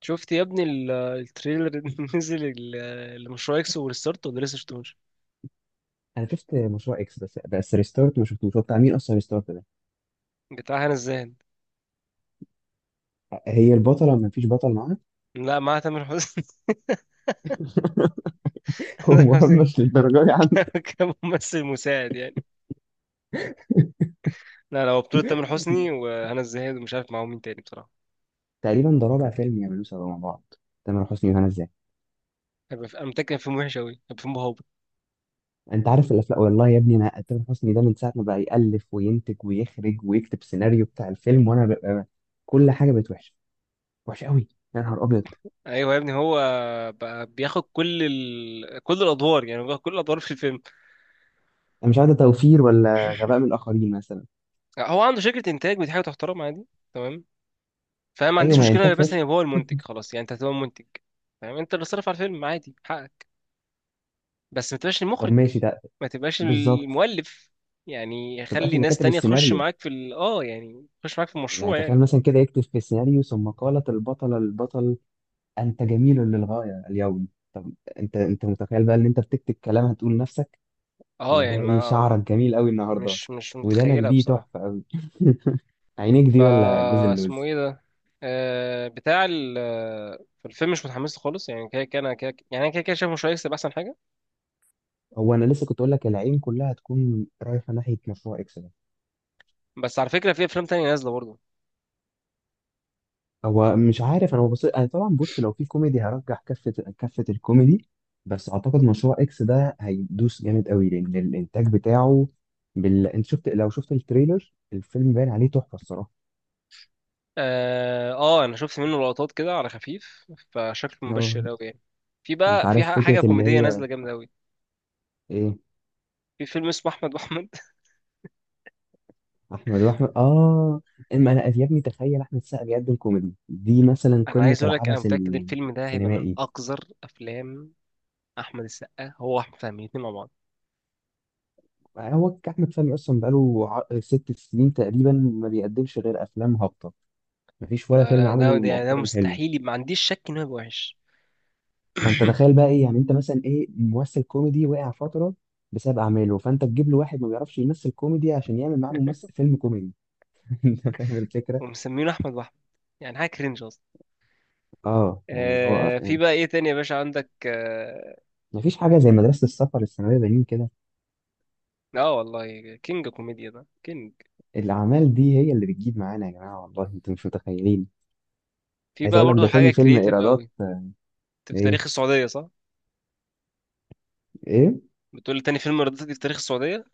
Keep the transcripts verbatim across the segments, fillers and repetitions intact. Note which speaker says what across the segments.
Speaker 1: شفت يا ابني ال- التريلر اللي نزل ال- لمشروع اكس وريستارت، ولا لسه شفتوش؟
Speaker 2: انا شفت مشروع اكس بس بس ريستارت ما شفتوش. هو بتاع مين اصلا ريستارت ده؟
Speaker 1: بتاع هنا الزاهد.
Speaker 2: هي البطله ما فيش بطل معاها.
Speaker 1: لا، مع تامر حسني.
Speaker 2: هو
Speaker 1: تامر حسني
Speaker 2: مهمش للدرجه دي عنده.
Speaker 1: ك- كممثل مساعد يعني. لا، لا، هو بطولة تامر حسني وهنا الزاهد، ومش عارف معاهم مين تاني بصراحة.
Speaker 2: تقريبا ده رابع فيلم يعملوه سوا مع بعض. تامر حسني وهنا ازاي؟
Speaker 1: هيبقى في- انا متأكد إن فيلم وحش أوي، هيبقى فيلم هابط.
Speaker 2: انت عارف الافلام، والله يا ابني انا تامر حسني ده من ساعه ما بقى يالف وينتج ويخرج ويكتب سيناريو بتاع الفيلم، وانا ببقى كل حاجه بقت وحشه، وحشه قوي. يا نهار ابيض.
Speaker 1: ايوه يا ابني، هو بقى بياخد كل ال... كل الادوار، يعني بياخد كل الادوار في الفيلم.
Speaker 2: انا مش عارف ده توفير ولا غباء من الاخرين مثلا.
Speaker 1: هو عنده شركة انتاج، ودي حاجة تحترم عادي. تمام. فاهم، ما
Speaker 2: ايوه،
Speaker 1: عنديش
Speaker 2: ما هي انتاج
Speaker 1: مشكله، بس
Speaker 2: فاشل.
Speaker 1: يبقى هو المنتج خلاص، يعني انت هتبقى المنتج. فاهم، انت اللي صرف على الفيلم، عادي حقك. بس ما تبقاش
Speaker 2: طب
Speaker 1: المخرج.
Speaker 2: ماشي ده.
Speaker 1: ما تبقاش
Speaker 2: بالظبط،
Speaker 1: المؤلف. يعني
Speaker 2: ما تبقاش
Speaker 1: خلي
Speaker 2: اللي
Speaker 1: ناس
Speaker 2: كاتب
Speaker 1: تانية تخش
Speaker 2: السيناريو.
Speaker 1: معاك في ال... اه يعني تخش معاك في
Speaker 2: يعني
Speaker 1: المشروع
Speaker 2: تخيل
Speaker 1: يعني.
Speaker 2: مثلا كده يكتب في السيناريو ثم قالت البطلة للبطل أنت جميل للغاية اليوم. طب، أنت أنت متخيل بقى إن أنت بتكتب كلام هتقول لنفسك
Speaker 1: اه
Speaker 2: اللي
Speaker 1: يعني
Speaker 2: هو إيه،
Speaker 1: ما
Speaker 2: شعرك جميل أوي النهاردة،
Speaker 1: مش مش
Speaker 2: ودانك
Speaker 1: متخيلها
Speaker 2: دي
Speaker 1: بصراحة.
Speaker 2: تحفة أوي، عينيك دي ولا جوز
Speaker 1: فا اسمه
Speaker 2: اللوز.
Speaker 1: ايه ده؟ آه بتاع ال في الفيلم مش متحمس له خالص، يعني كده كده انا كده، يعني انا كده كده شايف مش هيكسب احسن حاجة.
Speaker 2: هو أنا لسه كنت أقول لك العين كلها هتكون رايحة ناحية مشروع إكس.
Speaker 1: بس على فكرة، في افلام تانية نازلة برضه.
Speaker 2: هو مش عارف، انا ببص، انا طبعا بص، لو في كوميدي هرجح كفه، كفه الكوميدي. بس اعتقد مشروع اكس ده هيدوس جامد قوي لان الانتاج بتاعه بال... انت شفت، لو شفت التريلر الفيلم باين عليه تحفه الصراحه.
Speaker 1: اه، آه، انا شفت منه لقطات كده على خفيف، فشكله
Speaker 2: اه.
Speaker 1: مبشر قوي يعني. في
Speaker 2: انت
Speaker 1: بقى، في
Speaker 2: عارف
Speaker 1: ح-
Speaker 2: فكره
Speaker 1: حاجه
Speaker 2: اللي
Speaker 1: كوميديه
Speaker 2: هي
Speaker 1: نازله جامده قوي.
Speaker 2: ايه؟
Speaker 1: في فيلم اسمه احمد واحمد.
Speaker 2: احمد واحمد، اه. اما انا يا ابني تخيل احمد السقا بيقدم كوميدي دي، مثلا
Speaker 1: انا
Speaker 2: قمه
Speaker 1: عايز اقول لك، انا
Speaker 2: العبث
Speaker 1: متاكد الفيلم ده هيبقى من
Speaker 2: السينمائي.
Speaker 1: اقذر افلام. احمد السقا هو واحمد فهمي الاثنين مع بعض.
Speaker 2: هو احمد فهمي اصلا بقاله ع- ست سنين تقريبا ما بيقدمش غير افلام هابطه، مفيش ولا
Speaker 1: لا،
Speaker 2: فيلم
Speaker 1: لا،
Speaker 2: عمله
Speaker 1: ده ده, يعني ده
Speaker 2: مؤخرا حلو.
Speaker 1: مستحيل، ما عنديش شك انه هيبقى وحش.
Speaker 2: فانت تخيل بقى ايه، يعني انت مثلا ايه، ممثل كوميدي وقع فتره بسبب اعماله، فانت تجيب له واحد ما بيعرفش يمثل كوميدي عشان يعمل معاه ممثل فيلم كوميدي. انت فاهم الفكره.
Speaker 1: ومسمينه احمد واحمد. يعني حاجه كرنج اصلا.
Speaker 2: اه يعني اللي هو
Speaker 1: آه في
Speaker 2: يعني
Speaker 1: بقى ايه تاني يا باشا عندك، اه؟
Speaker 2: مفيش حاجه زي مدرسه السفر الثانويه بنين كده.
Speaker 1: آه، والله كينج كوميديا ده كينج.
Speaker 2: الاعمال دي هي اللي بتجيب معانا يا جماعه، والله انتوا مش متخيلين.
Speaker 1: في
Speaker 2: عايز
Speaker 1: بقى
Speaker 2: اقول لك
Speaker 1: برضو
Speaker 2: ده
Speaker 1: حاجه
Speaker 2: تاني فيلم
Speaker 1: كرييتيف
Speaker 2: ايرادات
Speaker 1: قوي.
Speaker 2: آه،
Speaker 1: في تاريخ
Speaker 2: ايه،
Speaker 1: السعوديه، صح؟
Speaker 2: ايه،
Speaker 1: بتقول تاني فيلم رديف في تاريخ السعودية؟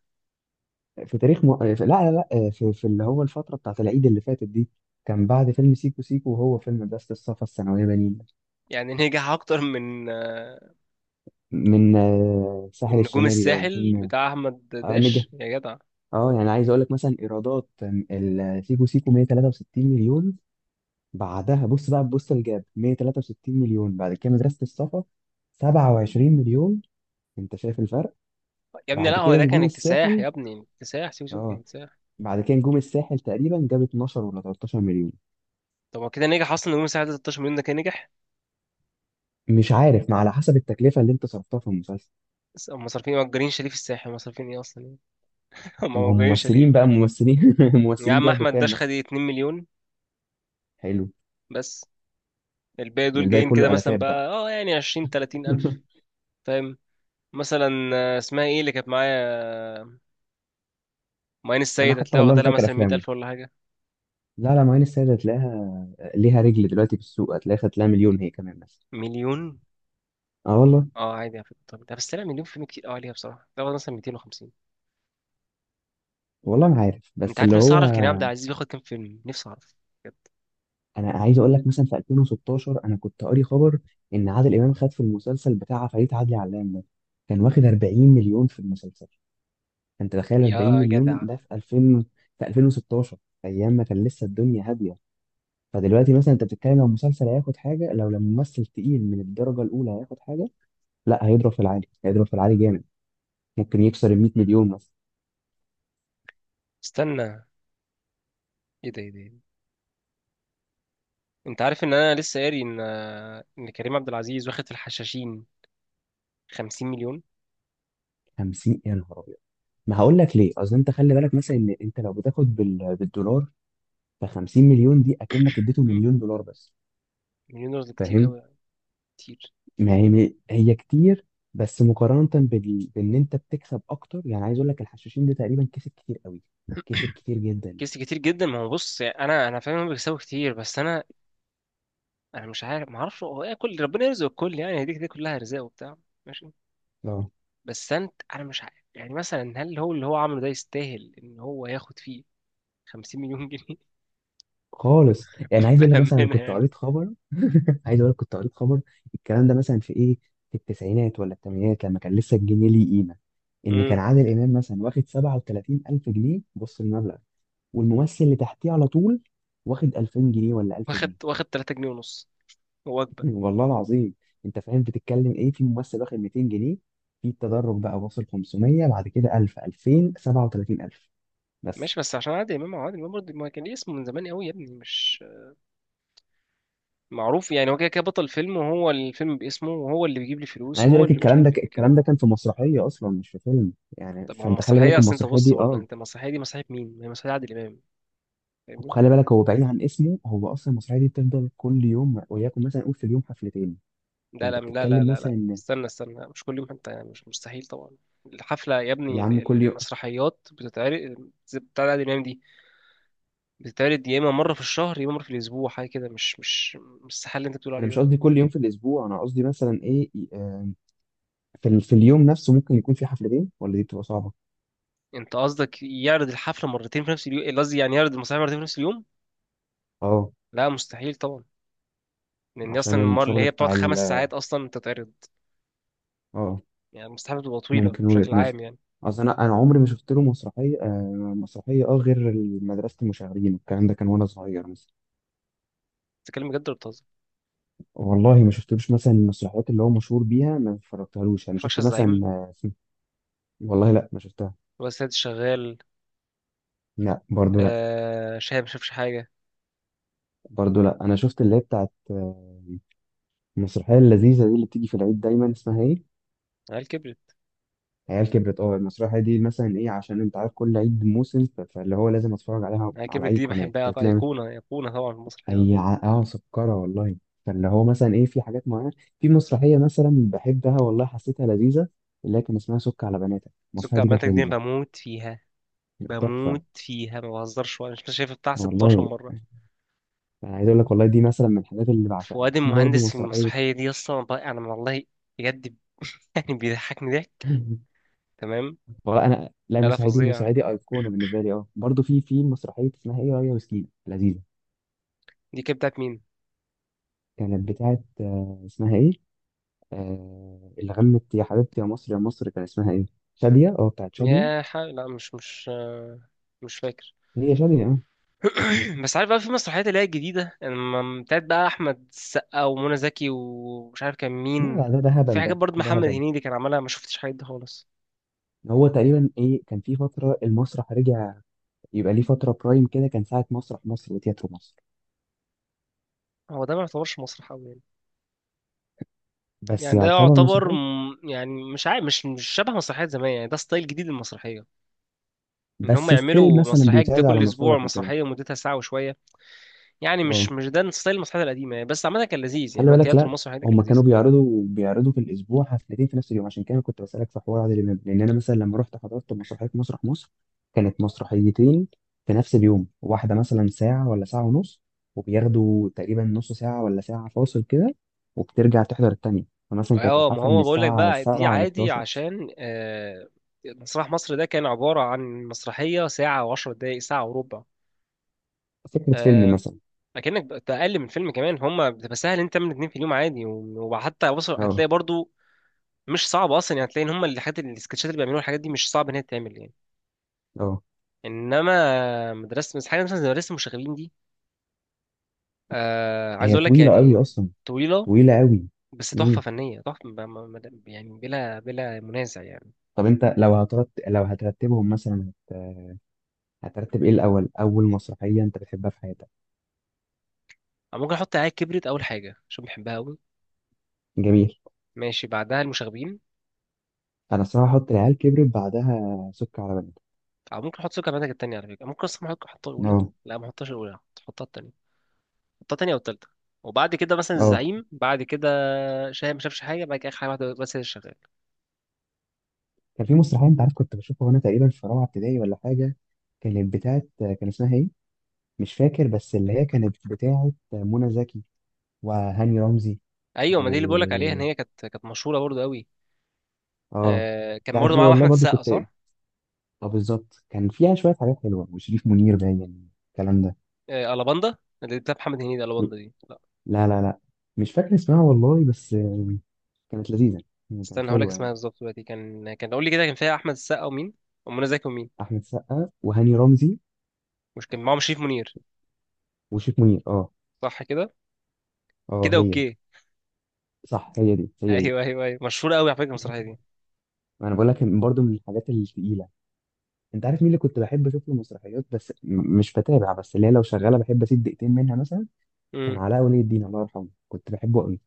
Speaker 2: في تاريخ م... آه، في... لا لا لا آه، في... في اللي هو الفتره بتاعت العيد اللي فاتت دي. كان بعد فيلم سيكو سيكو وهو فيلم مدرسه السفر الثانويه بنين،
Speaker 1: يعني نجح أكتر من آه،
Speaker 2: من آه، الساحل
Speaker 1: من نجوم
Speaker 2: الشمالي ده ولا
Speaker 1: الساحل
Speaker 2: فيلم.
Speaker 1: بتاع أحمد
Speaker 2: اه نجح.
Speaker 1: داش يا جدع.
Speaker 2: اه، يعني عايز اقول لك مثلا ايرادات آم، ال- سيكو سيكو مية وتلاتة وستين مليون. بعدها بص بقى، بص الجاب مية وتلاتة وستين مليون. بعد كده مدرسة الصفا سبعة وعشرين مليون. انت شايف الفرق؟
Speaker 1: يا ابني، لا،
Speaker 2: بعد
Speaker 1: هو
Speaker 2: كده
Speaker 1: ده كان
Speaker 2: نجوم
Speaker 1: اكتساح،
Speaker 2: الساحل،
Speaker 1: يا ابني اكتساح، سيب سيب كان
Speaker 2: اه.
Speaker 1: اكتساح.
Speaker 2: بعد كده نجوم الساحل تقريبا جاب اتناشر ولا تلتاشر مليون.
Speaker 1: طب هو كده نجح أصلا، نجوم الساحل ده 16 مليون، ده كان نجح.
Speaker 2: مش عارف، ما على حسب التكلفة اللي انت صرفتها في المسلسل.
Speaker 1: بس هم صارفين إيه؟ مأجرين شاليه في الساحل، هم صارفين إيه أصلا؟ هم
Speaker 2: ما هم
Speaker 1: مأجرين
Speaker 2: ممثلين
Speaker 1: شاليه.
Speaker 2: بقى، ممثلين
Speaker 1: يا
Speaker 2: ممثلين
Speaker 1: عم
Speaker 2: بياخدوا
Speaker 1: أحمد
Speaker 2: كام
Speaker 1: داش خد
Speaker 2: مثلا؟
Speaker 1: 2 مليون.
Speaker 2: حلو.
Speaker 1: بس. الباقي دول
Speaker 2: الباقي
Speaker 1: جايين كده
Speaker 2: كله
Speaker 1: مثلا
Speaker 2: ألفات بقى.
Speaker 1: بقى، اه يعني عشرين تلاتين ألف. فاهم. مثلا آه، اسمها ايه اللي كانت معايا؟ ماين
Speaker 2: انا
Speaker 1: السيد،
Speaker 2: حتى
Speaker 1: هتلاقي
Speaker 2: والله ما
Speaker 1: واخدها لها
Speaker 2: فاكر
Speaker 1: مثلا 100
Speaker 2: افلامه.
Speaker 1: ألف ولا حاجة.
Speaker 2: لا لا، معين السيد هتلاقيها ليها رجل دلوقتي في السوق، هتلاقيها خدت لها مليون هي كمان بس.
Speaker 1: مليون؟
Speaker 2: اه والله.
Speaker 1: اه، عادي على فكره، طب ده بس طلع مليون فيلم كتير قوي عليها بصراحه، ده هو مثلا ميتين وخمسين.
Speaker 2: والله ما عارف،
Speaker 1: انت
Speaker 2: بس
Speaker 1: عارف،
Speaker 2: اللي
Speaker 1: نفسي
Speaker 2: هو
Speaker 1: اعرف كريم عبد العزيز بياخد كام فيلم، نفسي اعرف. بجد.
Speaker 2: انا عايز اقول لك مثلا في الفين وستاشر انا كنت قاري خبر ان عادل امام خد في المسلسل بتاع فريد عدلي علام ده، كان واخد اربعين مليون في المسلسل. انت تخيل اربعين
Speaker 1: يا
Speaker 2: مليون
Speaker 1: جدع.
Speaker 2: ده في الفين، في الفين وستاشر، ايام ما كان لسه الدنيا هاديه. فدلوقتي مثلا انت بتتكلم لو مسلسل هياخد حاجه، لو لما ممثل تقيل من الدرجه الاولى هياخد حاجه، لا هيضرب في العالي، هيضرب في العالي جامد، ممكن يكسر ال مية مليون مثلا.
Speaker 1: استنى. ايه ده؟ ايه ده؟ إيه ده؟ انت عارف ان انا لسه قاري ان ان كريم عبد العزيز واخد في الحشاشين 50 مليون.
Speaker 2: خمسين، يا نهار ابيض. ما هقول لك ليه، اصل انت خلي بالك مثلا ان انت لو بتاخد بال... بالدولار، ف خمسين مليون دي اكنك اديته
Speaker 1: مم.
Speaker 2: مليون دولار بس.
Speaker 1: مليون دولار ده كتير
Speaker 2: فاهم؟
Speaker 1: قوي. كتير.
Speaker 2: ما هي هي كتير، بس مقارنه بال... بان انت بتكسب اكتر. يعني عايز اقول لك الحشاشين ده تقريبا كسب كتير قوي، كسب كتير جدا.
Speaker 1: كيس كتير جدا، ما هو بص، يعني انا انا فاهم إنهم بيكسبوا كتير، بس انا انا مش عارف، ما اعرفش هو ايه، كل ربنا يرزق الكل، يعني هديك دي كلها ارزاق وبتاع. ماشي.
Speaker 2: اه
Speaker 1: بس انت انا مش عارف، يعني مثلا هل هو اللي هو عمله ده يستاهل ان هو ياخد فيه خمسين مليون جنيه مليون جنيه؟
Speaker 2: خالص. يعني عايز اقول لك مثلا انا
Speaker 1: بأمانة
Speaker 2: كنت
Speaker 1: يعني.
Speaker 2: قريت خبر عايز اقول لك كنت قريت خبر الكلام ده مثلا في ايه، في التسعينات ولا الثمانينات، لما كان لسه الجنيه ليه قيمه، ان كان
Speaker 1: امم.
Speaker 2: عادل امام مثلا واخد سبعة وتلاتين الف جنيه. بص المبلغ، والممثل اللي تحتيه على طول واخد الفين جنيه ولا 1000
Speaker 1: واخد
Speaker 2: جنيه
Speaker 1: واخد ثلاثة جنيهات ونص، وجبة.
Speaker 2: والله العظيم. انت فاهم بتتكلم ايه؟ في ممثل واخد ميتين جنيه، في التدرج بقى واصل خمسمية، بعد كده الف، الفين، سبعة وتلاتين الف، بس.
Speaker 1: ماشي، بس عشان عادل امام أو عادل امام برضه ما كان ليه اسمه من زمان قوي يا ابني، مش معروف. يعني هو كده كده بطل فيلم، وهو الفيلم باسمه، وهو اللي بيجيب لي
Speaker 2: انا
Speaker 1: فلوس،
Speaker 2: عايز
Speaker 1: وهو
Speaker 2: اقول لك
Speaker 1: اللي مش
Speaker 2: الكلام
Speaker 1: عارف
Speaker 2: ده،
Speaker 1: ايه كده.
Speaker 2: الكلام ده كان في مسرحيه اصلا، مش في فيلم. يعني
Speaker 1: طب ما هو
Speaker 2: فانت خلي
Speaker 1: مسرحية،
Speaker 2: بالك
Speaker 1: اصل انت
Speaker 2: المسرحيه
Speaker 1: بص
Speaker 2: دي،
Speaker 1: برضه،
Speaker 2: اه.
Speaker 1: انت المسرحية دي مسرحية مين؟ ما هي مسرحية عادل امام، فاهمني؟
Speaker 2: وخلي بالك هو بعيد عن اسمه، هو اصلا المسرحيه دي بتفضل كل يوم، وياكم مثلا قول في اليوم حفلتين.
Speaker 1: لا،
Speaker 2: فانت
Speaker 1: لا، لا، لا،
Speaker 2: بتتكلم
Speaker 1: لا،
Speaker 2: مثلا
Speaker 1: لا،
Speaker 2: إن
Speaker 1: استنى، استنى، مش كل يوم حتى، يعني مش مستحيل طبعا. الحفلة يا ابني،
Speaker 2: يا عم كل
Speaker 1: ال-
Speaker 2: يوم.
Speaker 1: المسرحيات بتتعرض بتاع عادل امام دي. بتتعرض يا اما مره في الشهر، يا اما مره في الاسبوع، حاجه كده، مش مش مش السحال اللي انت بتقول
Speaker 2: انا
Speaker 1: عليه
Speaker 2: مش
Speaker 1: ده.
Speaker 2: قصدي كل يوم في الاسبوع، انا قصدي مثلا ايه، آه، في ال- في اليوم نفسه ممكن يكون في حفلتين، ولا دي بتبقى صعبه.
Speaker 1: انت قصدك يعرض الحفله مرتين في نفس اليوم، قصدي يعني يعرض المسرحيه مرتين في نفس اليوم؟
Speaker 2: اه،
Speaker 1: لا، مستحيل طبعا. لان
Speaker 2: عشان
Speaker 1: اصلا المره اللي
Speaker 2: الشغل
Speaker 1: هي بتقعد
Speaker 2: بتاع ال
Speaker 1: خمس ساعات اصلا تتعرض.
Speaker 2: اه.
Speaker 1: يعني المستحيل بتبقى طويله
Speaker 2: ممكن وجهه
Speaker 1: بشكل
Speaker 2: نظر.
Speaker 1: عام يعني.
Speaker 2: اصل انا انا عمري ما شفت له مسرحيه آه مسرحيه اه غير مدرسه المشاغبين. الكلام ده كان وانا صغير.
Speaker 1: بتتكلم بجد ولا بتهزر؟
Speaker 2: والله ما شفتلوش مثلا المسرحيات اللي هو مشهور بيها، ما اتفرجتهالوش.
Speaker 1: ما
Speaker 2: يعني
Speaker 1: اتفرجش
Speaker 2: شفت
Speaker 1: على
Speaker 2: مثلا
Speaker 1: الزعيم؟
Speaker 2: آه، والله لا ما شفتها.
Speaker 1: ولا سيد الشغال؟
Speaker 2: لا برضو لا.
Speaker 1: آه، شاهد ما شافش حاجه.
Speaker 2: برضو لا، انا شفت اللي هي بتاعت آه، المسرحيه اللذيذه دي اللي بتيجي في العيد دايما اسمها ايه،
Speaker 1: عيال كبرت.
Speaker 2: عيال كبرت، اه. المسرحيه دي مثلا ايه، عشان انت عارف كل عيد موسم، ف- فاللي هو لازم اتفرج عليها،
Speaker 1: عيال
Speaker 2: على
Speaker 1: كبرت
Speaker 2: اي
Speaker 1: دي
Speaker 2: قناه انت
Speaker 1: بحبها بقى،
Speaker 2: بتلاقي.
Speaker 1: ايقونه، ايقونه طبعا في مصر الحلوه
Speaker 2: اي
Speaker 1: دي.
Speaker 2: ع- اه سكره والله. فاللي هو مثلا ايه، في حاجات معينه، في مسرحيه مثلا بحبها والله، حسيتها لذيذه، اللي هي كان اسمها سك على بناتك.
Speaker 1: سكر
Speaker 2: المسرحيه دي كانت
Speaker 1: عمالتك دي
Speaker 2: لذيذه،
Speaker 1: بموت فيها. بموت
Speaker 2: تحفه
Speaker 1: فيها ما بهزرش، وانا مش شايف بتاع ستاشر
Speaker 2: والله.
Speaker 1: مره.
Speaker 2: انا عايز اقول لك والله دي مثلا من الحاجات اللي بعشقها،
Speaker 1: فؤاد
Speaker 2: في برضه
Speaker 1: المهندس في
Speaker 2: مسرحيه
Speaker 1: المسرحية دي أصلا، ب- أنا والله، بجد، ب- يعني بيضحكني ضحك. تمام.
Speaker 2: والله انا، لا
Speaker 1: لا، لا،
Speaker 2: المسرحيه دي،
Speaker 1: فظيعة.
Speaker 2: المسرحيه دي ايقونه بالنسبه لي. اه، برضه في في مسرحيه اسمها ايه، رايه وسكينه، لذيذه.
Speaker 1: دي كانت بتاعت مين؟
Speaker 2: كانت بتاعت آه، اسمها ايه، آه اللي غنت يا حبيبتي يا مصر يا مصر، كان اسمها ايه، شاديه، اه، بتاعت شاديه.
Speaker 1: يا ح... لا، مش مش آه، مش فاكر.
Speaker 2: هي شاديه اه.
Speaker 1: بس عارف بقى، في مسرحيات اللي هي الجديدة لما بتاعت بقى أحمد السقا ومنى زكي ومش عارف كان
Speaker 2: لا
Speaker 1: مين.
Speaker 2: لا ده ده
Speaker 1: في
Speaker 2: هبل،
Speaker 1: حاجات
Speaker 2: ده
Speaker 1: برضه
Speaker 2: ده
Speaker 1: محمد
Speaker 2: هبل.
Speaker 1: هنيدي كان عملها، ما شفتش حاجات دي خالص.
Speaker 2: هو تقريبا ايه، كان في فتره المسرح رجع، يبقى ليه فتره برايم كده، كان ساعه مسرح مصر وتياترو مصر.
Speaker 1: هو ده ما يعتبرش مسرح أوي يعني.
Speaker 2: بس
Speaker 1: يعني ده
Speaker 2: يعتبر
Speaker 1: يعتبر،
Speaker 2: مسرحيه.
Speaker 1: م- يعني مش عارف، مش مش شبه مسرحيات زمان، يعني ده ستايل جديد للمسرحية. ان هم
Speaker 2: بس ستيل
Speaker 1: يعملوا
Speaker 2: مثلا
Speaker 1: مسرحيه جديده
Speaker 2: بيتعرض على
Speaker 1: كل اسبوع،
Speaker 2: مسارح وكده.
Speaker 1: مسرحيه مدتها ساعه وشويه. يعني مش
Speaker 2: اه،
Speaker 1: مش ده ستايل المسرحيات القديمه يعني، بس عامه كان لذيذ، يعني
Speaker 2: خلي
Speaker 1: هو
Speaker 2: بالك.
Speaker 1: التياترو
Speaker 2: لا
Speaker 1: المسرحي ده كان
Speaker 2: هم كانوا
Speaker 1: لذيذ.
Speaker 2: بيعرضوا بيعرضوا في الاسبوع حفلتين في نفس اليوم. عشان كده كنت بسالك في حوار عادل امام، لان انا مثلا لما رحت حضرت مسرحيه مسرح مصر، كانت مسرحيتين في نفس اليوم، واحده مثلا ساعه ولا ساعه ونص، وبياخدوا تقريبا نص ساعه ولا ساعه فاصل كده، وبترجع تحضر التانيه. فمثلا كانت
Speaker 1: اه، ما
Speaker 2: الحفله من
Speaker 1: هو بقول لك
Speaker 2: الساعه
Speaker 1: بقى دي
Speaker 2: سبعة ل
Speaker 1: عادي
Speaker 2: حداشر.
Speaker 1: عشان آه مسرح مصر ده كان عباره عن مسرحيه ساعه وعشر دقائق، ساعه وربع.
Speaker 2: فكره فيلم
Speaker 1: آه
Speaker 2: مثلا.
Speaker 1: اكنك بقى- اقل من فيلم كمان، هم بتبقى سهل انت تعمل اتنين في اليوم عادي، و- وحتى وصل
Speaker 2: اه.
Speaker 1: هتلاقي برضو. مش صعب اصلا، يعني هتلاقي ان هم الحاجات السكتشات اللي بيعملوها الحاجات دي مش صعب ان هي تتعمل يعني.
Speaker 2: اه،
Speaker 1: انما مدرسه حاجه مثلا زي مدرسه المشاغبين دي. آه، عايز
Speaker 2: هي
Speaker 1: اقول لك
Speaker 2: طويله قوي
Speaker 1: يعني.
Speaker 2: اصلا،
Speaker 1: طويله.
Speaker 2: طويله قوي.
Speaker 1: بس تحفه
Speaker 2: امم.
Speaker 1: فنيه تحفه، ب- م- م- يعني بلا بلا منازع يعني.
Speaker 2: طب انت لو هترت... لو هترتبهم مثلا، هترتب ايه الاول، اول مسرحيه انت بتحبها في حياتك؟
Speaker 1: او ممكن احط عاد كبرت اول حاجه عشان بحبها قوي.
Speaker 2: جميل.
Speaker 1: ماشي، بعدها المشاغبين.
Speaker 2: انا الصراحه احط العيال كبرت، بعدها سك على بنات.
Speaker 1: او ممكن احط سكر بناتك التانية، على فكره ممكن اصلا ممكن احطها الاولى.
Speaker 2: اه.
Speaker 1: لا، ما احطهاش الاولى. احطها التانية. احطها التانية او التالتة. وبعد كده مثلا
Speaker 2: اه.
Speaker 1: الزعيم، بعد كده. شاهد ما شافش حاجه، بعد كده اخر حاجه واحده بس هي اللي شغال.
Speaker 2: كان في مسرحيه انت عارف كنت بشوفها وانا تقريبا في رابعه ابتدائي ولا حاجه، كانت بتاعت كان اسمها ايه، مش فاكر، بس اللي هي كانت بتاعت منى زكي وهاني رمزي
Speaker 1: ايوه،
Speaker 2: و
Speaker 1: ما دي اللي بقول لك عليها ان هي كانت كانت مشهوره برضو قوي.
Speaker 2: اه.
Speaker 1: آه، كان
Speaker 2: بتاعت
Speaker 1: برضو
Speaker 2: دي
Speaker 1: معاهم
Speaker 2: والله
Speaker 1: احمد
Speaker 2: برضو
Speaker 1: السقا،
Speaker 2: كنت،
Speaker 1: صح؟
Speaker 2: اه بالظبط كان فيها شويه حاجات حلوه وشريف منير، باين الكلام ده.
Speaker 1: آه، الاباندا. اللي بتاع محمد هنيدي، الاباندا دي.
Speaker 2: لا لا لا، مش فاكر اسمها والله، بس كانت لذيذه، يعني كانت
Speaker 1: استنى، هقول لك
Speaker 2: حلوه
Speaker 1: اسمها
Speaker 2: يعني.
Speaker 1: بالظبط دلوقتي، كان كان قول لي كده، كان فيها احمد السقا ومين؟ ومنى زكي ومين؟
Speaker 2: احمد سقا وهاني رمزي
Speaker 1: مش كان معاهم شريف منير؟
Speaker 2: وشيك منير اه.
Speaker 1: صح كده؟
Speaker 2: اه
Speaker 1: كده،
Speaker 2: هي.
Speaker 1: اوكي.
Speaker 2: صح، هي دي هي دي.
Speaker 1: ايوه، ايوه، ايوه، مشهوره قوي على فكره المسرحيه دي.
Speaker 2: انا بقول لك برضو من الحاجات التقيله، انت عارف مين اللي كنت بحب اشوف له مسرحيات، بس م- مش بتابع، بس اللي هي لو شغاله بحب اسيب دقيقتين منها مثلا، كان
Speaker 1: امم.
Speaker 2: علاء ولي الدين الله يرحمه، كنت بحبه قوي.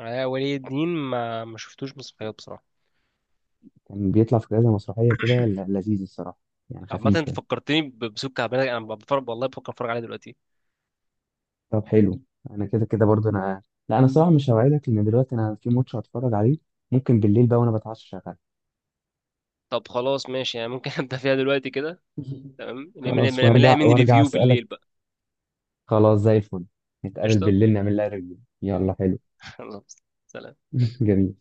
Speaker 1: آه، ولي الدين ما ما شفتوش مسرحيات بصراحه.
Speaker 2: كان بيطلع في كذا مسرحيه كده، ل- لذيذ الصراحه، يعني
Speaker 1: عامة
Speaker 2: خفيف
Speaker 1: انت
Speaker 2: كده.
Speaker 1: فكرتني ب- بسوق كعبان، انا بفرج والله، بفكر اتفرج عليها دلوقتي.
Speaker 2: طب حلو. انا كده كده برضو انا، لا انا صراحه مش هوعدك لان دلوقتي انا في ماتش هتفرج عليه، ممكن بالليل بقى وانا بتعشى شغال.
Speaker 1: طب خلاص ماشي، يعني ممكن ابدا فيها دلوقتي كده. تمام، نعمل نعمل-
Speaker 2: خلاص،
Speaker 1: نعمل لها
Speaker 2: وارجع
Speaker 1: من
Speaker 2: وارجع
Speaker 1: ريفيو
Speaker 2: اسالك.
Speaker 1: بالليل بقى.
Speaker 2: خلاص زي الفل، نتقابل
Speaker 1: قشطه.
Speaker 2: بالليل نعمل لها ريفيو، يلا حلو.
Speaker 1: خلاص. سلام.
Speaker 2: جميل.